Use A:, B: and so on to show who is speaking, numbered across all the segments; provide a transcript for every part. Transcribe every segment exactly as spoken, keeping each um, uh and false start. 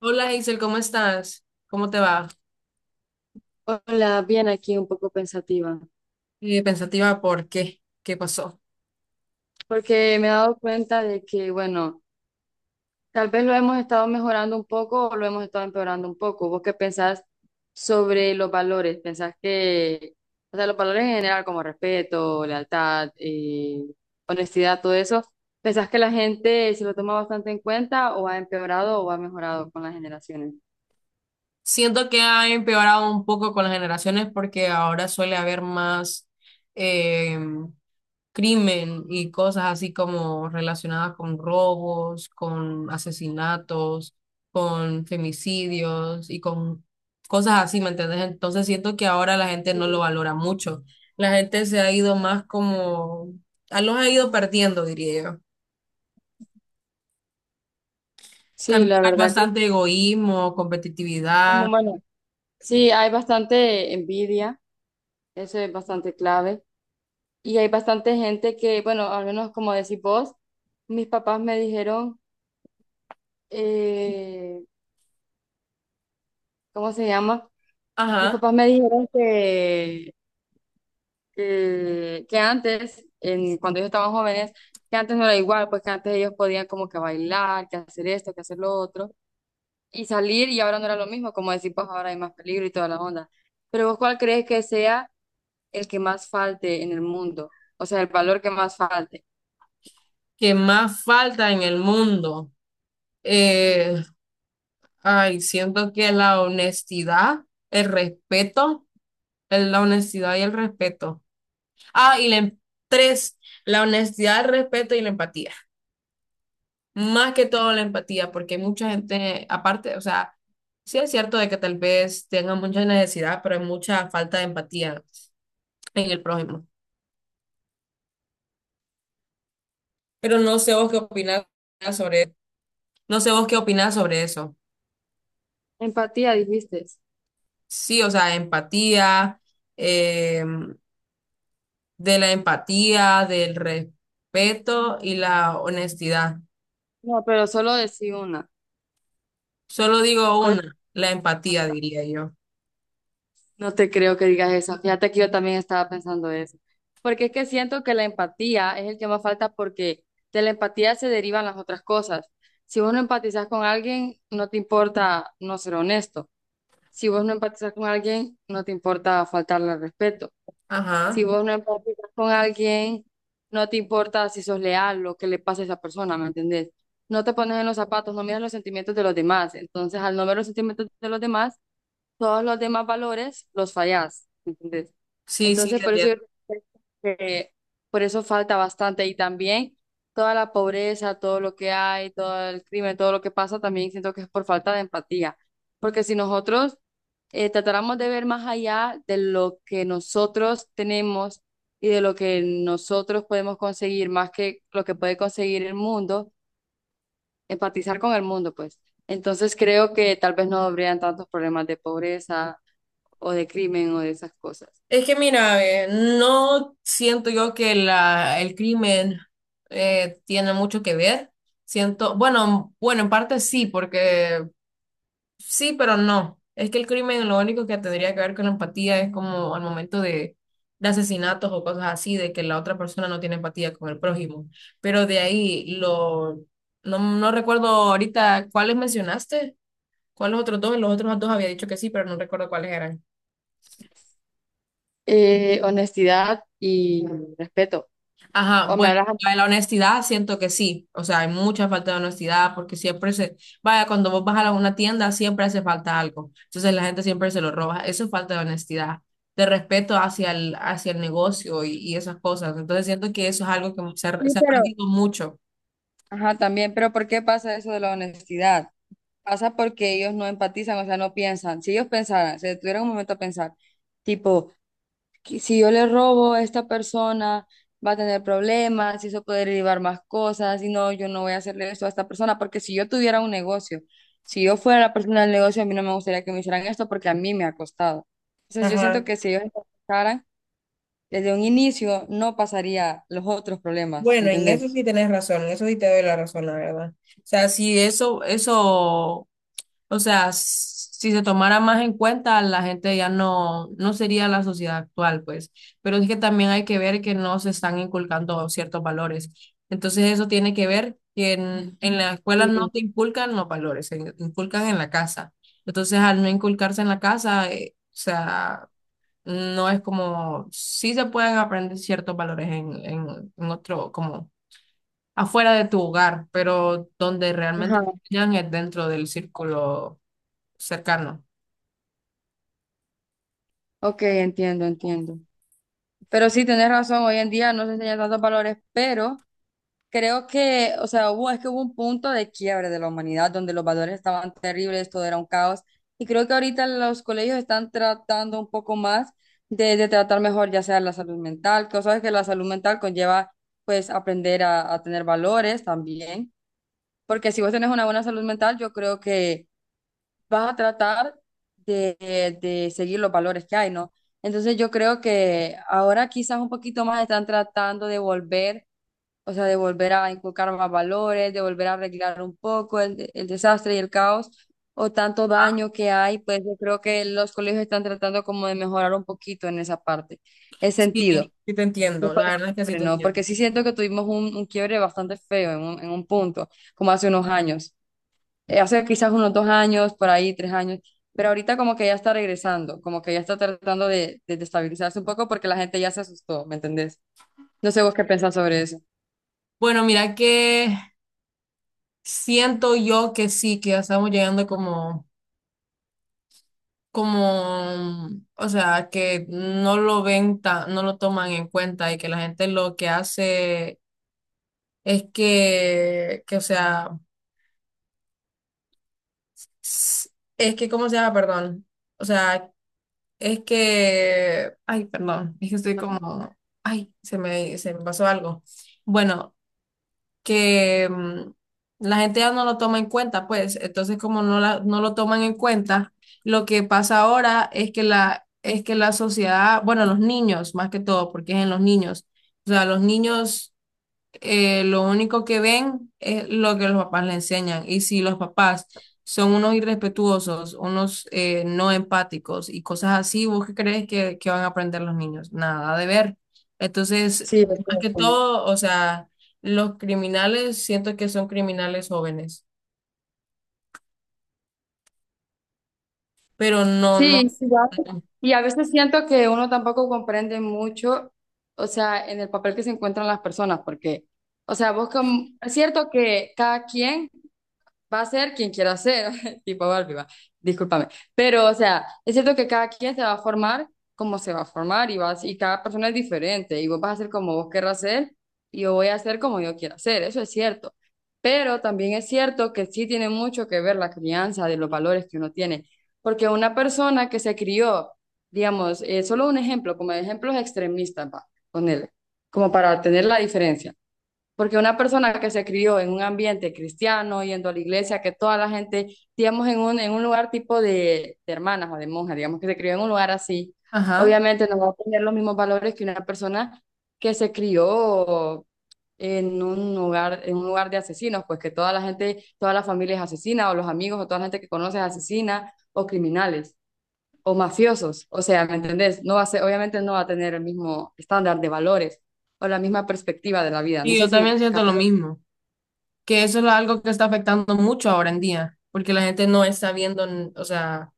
A: Hola Isel, ¿cómo estás? ¿Cómo te va?
B: Hola, bien aquí un poco pensativa,
A: Eh, pensativa, ¿por qué? ¿Qué pasó?
B: porque me he dado cuenta de que, bueno, tal vez lo hemos estado mejorando un poco o lo hemos estado empeorando un poco. ¿Vos qué pensás sobre los valores? ¿Pensás que, o sea, los valores en general como respeto, lealtad, eh, honestidad, todo eso, ¿pensás que la gente se lo toma bastante en cuenta o ha empeorado o ha mejorado con las generaciones?
A: Siento que ha empeorado un poco con las generaciones porque ahora suele haber más eh, crimen y cosas así como relacionadas con robos, con asesinatos, con femicidios y con cosas así, ¿me entiendes? Entonces siento que ahora la gente no lo valora mucho. La gente se ha ido más como, a- los ha ido perdiendo, diría yo.
B: Sí,
A: También
B: la
A: hay
B: verdad que,
A: bastante egoísmo,
B: como,
A: competitividad.
B: bueno, sí, hay bastante envidia, eso es bastante clave. Y hay bastante gente que, bueno, al menos como decís vos, mis papás me dijeron, eh, ¿cómo se llama? Mis
A: Ajá.
B: papás me dijeron que, que, que antes, en, cuando ellos estaban jóvenes, que antes no era igual, pues que antes ellos podían como que bailar, que hacer esto, que hacer lo otro, y salir, y ahora no era lo mismo, como decís vos, ahora hay más peligro y toda la onda. Pero vos, ¿cuál crees que sea el que más falte en el mundo? O sea, el valor que más falte.
A: Que más falta en el mundo. Eh, Ay, siento que la honestidad, el respeto, el- la honestidad y el respeto. Ah, y la em- tres, la honestidad, el respeto y la empatía. Más que todo la empatía, porque hay mucha gente, aparte, o sea, sí es cierto de que tal vez tengan mucha necesidad, pero hay mucha falta de empatía en el prójimo. Pero no sé vos qué opinás sobre, no sé vos qué opinás sobre eso.
B: Empatía, dijiste.
A: Sí, o sea, empatía, eh, de la empatía, del respeto y la honestidad.
B: No, pero solo decí una.
A: Solo digo
B: ¿Cuál es
A: una, la
B: la
A: empatía,
B: falta?
A: diría yo.
B: No te creo que digas eso. Fíjate que yo también estaba pensando eso. Porque es que siento que la empatía es el que más falta porque de la empatía se derivan las otras cosas. Si vos no empatizas con alguien, no te importa no ser honesto. Si vos no empatizas con alguien, no te importa faltarle al respeto. Si
A: Ajá,
B: vos no empatizas con alguien, no te importa si sos leal, lo que le pasa a esa persona, ¿me entendés? No te pones en los zapatos, no miras los sentimientos de los demás. Entonces, al no ver los sentimientos de los demás, todos los demás valores los fallás, ¿entendés?
A: sí, sí,
B: Entonces,
A: te
B: por eso yo
A: entiendo.
B: creo que por eso falta bastante y también toda la pobreza, todo lo que hay, todo el crimen, todo lo que pasa, también siento que es por falta de empatía, porque si nosotros eh, tratáramos de ver más allá de lo que nosotros tenemos y de lo que nosotros podemos conseguir, más que lo que puede conseguir el mundo, empatizar con el mundo, pues. Entonces creo que tal vez no habrían tantos problemas de pobreza o de crimen o de esas cosas.
A: Es que mira, ve, no siento yo que la, el crimen eh, tiene mucho que ver. Siento, bueno, bueno, en parte sí, porque sí, pero no. Es que el crimen lo único que tendría que ver con la empatía es como al momento de, de asesinatos o cosas así, de que la otra persona no tiene empatía con el prójimo. Pero de ahí, lo, no, no recuerdo ahorita cuáles mencionaste, cuáles otros dos, los otros dos había dicho que sí, pero no recuerdo cuáles eran.
B: Eh, honestidad y respeto.
A: Ajá,
B: O me
A: bueno,
B: hablas.
A: la de la honestidad siento que sí, o sea, hay mucha falta de honestidad porque siempre se, vaya, cuando vos vas a la- una tienda siempre hace falta algo, entonces la gente siempre se lo roba, eso es falta de honestidad, de respeto hacia el, hacia el negocio y, y esas cosas, entonces siento que eso es algo que se ha,
B: Sí,
A: se ha
B: pero,
A: perdido mucho.
B: ajá, también, pero ¿por qué pasa eso de la honestidad? Pasa porque ellos no empatizan, o sea, no piensan. Si ellos pensaran, se detuvieran un momento a pensar, tipo, que si yo le robo a esta persona, va a tener problemas, y eso puede derivar más cosas, y no, yo no voy a hacerle eso a esta persona, porque si yo tuviera un negocio, si yo fuera la persona del negocio, a mí no me gustaría que me hicieran esto porque a mí me ha costado. Entonces yo siento
A: Ajá.
B: que si ellos empezaran desde un inicio no pasaría los otros problemas,
A: Bueno, en eso
B: ¿entendés?
A: sí tenés razón, en eso sí te doy la razón, la verdad. O sea, sí, eso, eso, o sea, s- si se tomara más en cuenta, la gente ya no, no sería la sociedad actual, pues. Pero es que también hay que ver que no se están inculcando ciertos valores. Entonces eso tiene que ver que en, en la escuela
B: Mm.
A: no te inculcan los valores, se inculcan en la casa. Entonces al no inculcarse en la casa, eh, o sea, no es como, sí se pueden aprender ciertos valores en, en, en otro, como afuera de tu hogar, pero donde
B: Ajá.
A: realmente... Ya es dentro del círculo cercano.
B: Ok, entiendo, entiendo. Pero sí, tenés razón, hoy en día no se enseñan tantos valores, pero creo que, o sea, hubo, es que hubo un punto de quiebre de la humanidad donde los valores estaban terribles, todo era un caos, y creo que ahorita los colegios están tratando un poco más de, de tratar mejor ya sea la salud mental, que sabes que la salud mental conlleva, pues, aprender a, a tener valores también, porque si vos tenés una buena salud mental, yo creo que vas a tratar de, de seguir los valores que hay, ¿no? Entonces yo creo que ahora quizás un poquito más están tratando de volver, o sea, de volver a inculcar más valores, de volver a arreglar un poco el, el desastre y el caos o tanto
A: Ah,
B: daño que hay, pues yo creo que los colegios están tratando como de mejorar un poquito en esa parte, ese sentido.
A: sí, sí te entiendo,
B: Después
A: la
B: del
A: verdad es que sí
B: quiebre,
A: te
B: ¿no?
A: entiendo.
B: Porque sí siento que tuvimos un, un quiebre bastante feo en un, en un punto, como hace unos años eh, hace quizás unos dos años, por ahí tres años, pero ahorita como que ya está regresando, como que ya está tratando de, de, de estabilizarse un poco porque la gente ya se asustó, ¿me entendés? No sé vos qué pensás sobre eso.
A: Bueno, mira que siento yo que sí, que ya estamos llegando como, como, o sea, que no lo ven tan, no lo toman en cuenta y que la gente lo que hace es que, que, o sea, s- es que, ¿cómo se llama? Perdón. O sea, es que, ay, perdón, es que estoy como, ay, se me, se me pasó algo. Bueno, que mm, la gente ya no lo toma en cuenta, pues. Entonces, como no, la- no lo toman en cuenta, lo que pasa ahora es que la, es que la sociedad, bueno, los niños, más que todo, porque es en los niños. O sea, los niños eh, lo único que ven es lo que los papás le enseñan. Y si los papás son unos irrespetuosos, unos eh, no empáticos y cosas así, ¿vos qué crees que, que van a aprender los niños? Nada de ver. Entonces,
B: Sí, es
A: más que
B: cierto.
A: todo, o sea, los criminales siento que son criminales jóvenes, pero no, no.
B: Sí, igual. Y a veces siento que uno tampoco comprende mucho, o sea, en el papel que se encuentran las personas, porque, o sea, vos como, es cierto que cada quien va a ser quien quiera ser, tipo Barbie, va, discúlpame. Pero, o sea, es cierto que cada quien se va a formar como se va a formar y, vas, y cada persona es diferente y vos vas a ser como vos querrás ser y yo voy a ser como yo quiera ser, eso es cierto. Pero también es cierto que sí tiene mucho que ver la crianza de los valores que uno tiene, porque una persona que se crió, digamos, eh, solo un ejemplo, como ejemplos extremistas, va, ponele, como para tener la diferencia. Porque una persona que se crió en un ambiente cristiano, yendo a la iglesia, que toda la gente, digamos, en un, en un lugar tipo de, de hermanas o de monjas, digamos, que se crió en un lugar así,
A: Ajá.
B: obviamente no va a tener los mismos valores que una persona que se crió en un lugar, en un lugar de asesinos, pues que toda la gente, toda la familia es asesina, o los amigos, o toda la gente que conoce es asesina, o criminales, o mafiosos. O sea, ¿me entendés? No va a ser, obviamente no va a tener el mismo estándar de valores o la misma perspectiva de la vida. No
A: Y
B: sé
A: yo también
B: si
A: siento lo
B: captas.
A: mismo, que eso es algo que está afectando mucho ahora en día, porque la gente no está viendo, o sea,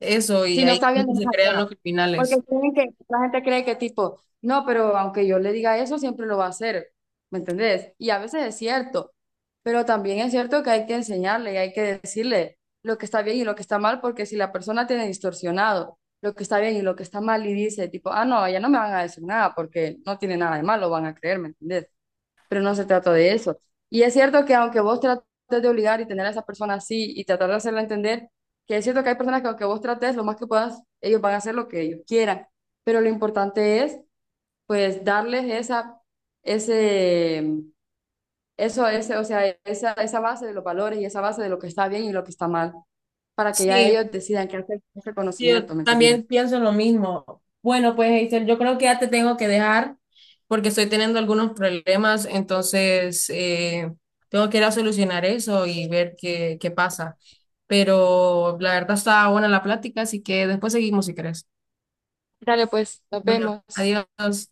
A: eso, y
B: Si no
A: ahí
B: está viendo más
A: se crean
B: allá.
A: los
B: Porque
A: criminales.
B: creen que, la gente cree que tipo, no, pero aunque yo le diga eso, siempre lo va a hacer. ¿Me entendés? Y a veces es cierto, pero también es cierto que hay que enseñarle y hay que decirle lo que está bien y lo que está mal, porque si la persona tiene distorsionado lo que está bien y lo que está mal y dice tipo, ah, no, ya no me van a decir nada porque no tiene nada de malo, van a creer, ¿me entendés? Pero no se trata de eso. Y es cierto que aunque vos trates de obligar y tener a esa persona así y tratar de hacerla entender, que es cierto que hay personas que aunque vos trates lo más que puedas, ellos van a hacer lo que ellos quieran, pero lo importante es pues darles esa, ese, eso, ese, o sea, esa, esa base de los valores y esa base de lo que está bien y lo que está mal, para que ya
A: Sí,
B: ellos decidan qué hacer con ese
A: sí, yo
B: conocimiento, ¿me entendés?
A: también pienso lo mismo. Bueno, pues Hazel, yo creo que ya te tengo que dejar porque estoy teniendo algunos problemas, entonces eh, tengo que ir a solucionar eso y ver qué, qué pasa. Pero la verdad está buena la plática, así que después seguimos si querés.
B: Dale, pues, nos
A: Bueno,
B: vemos.
A: adiós.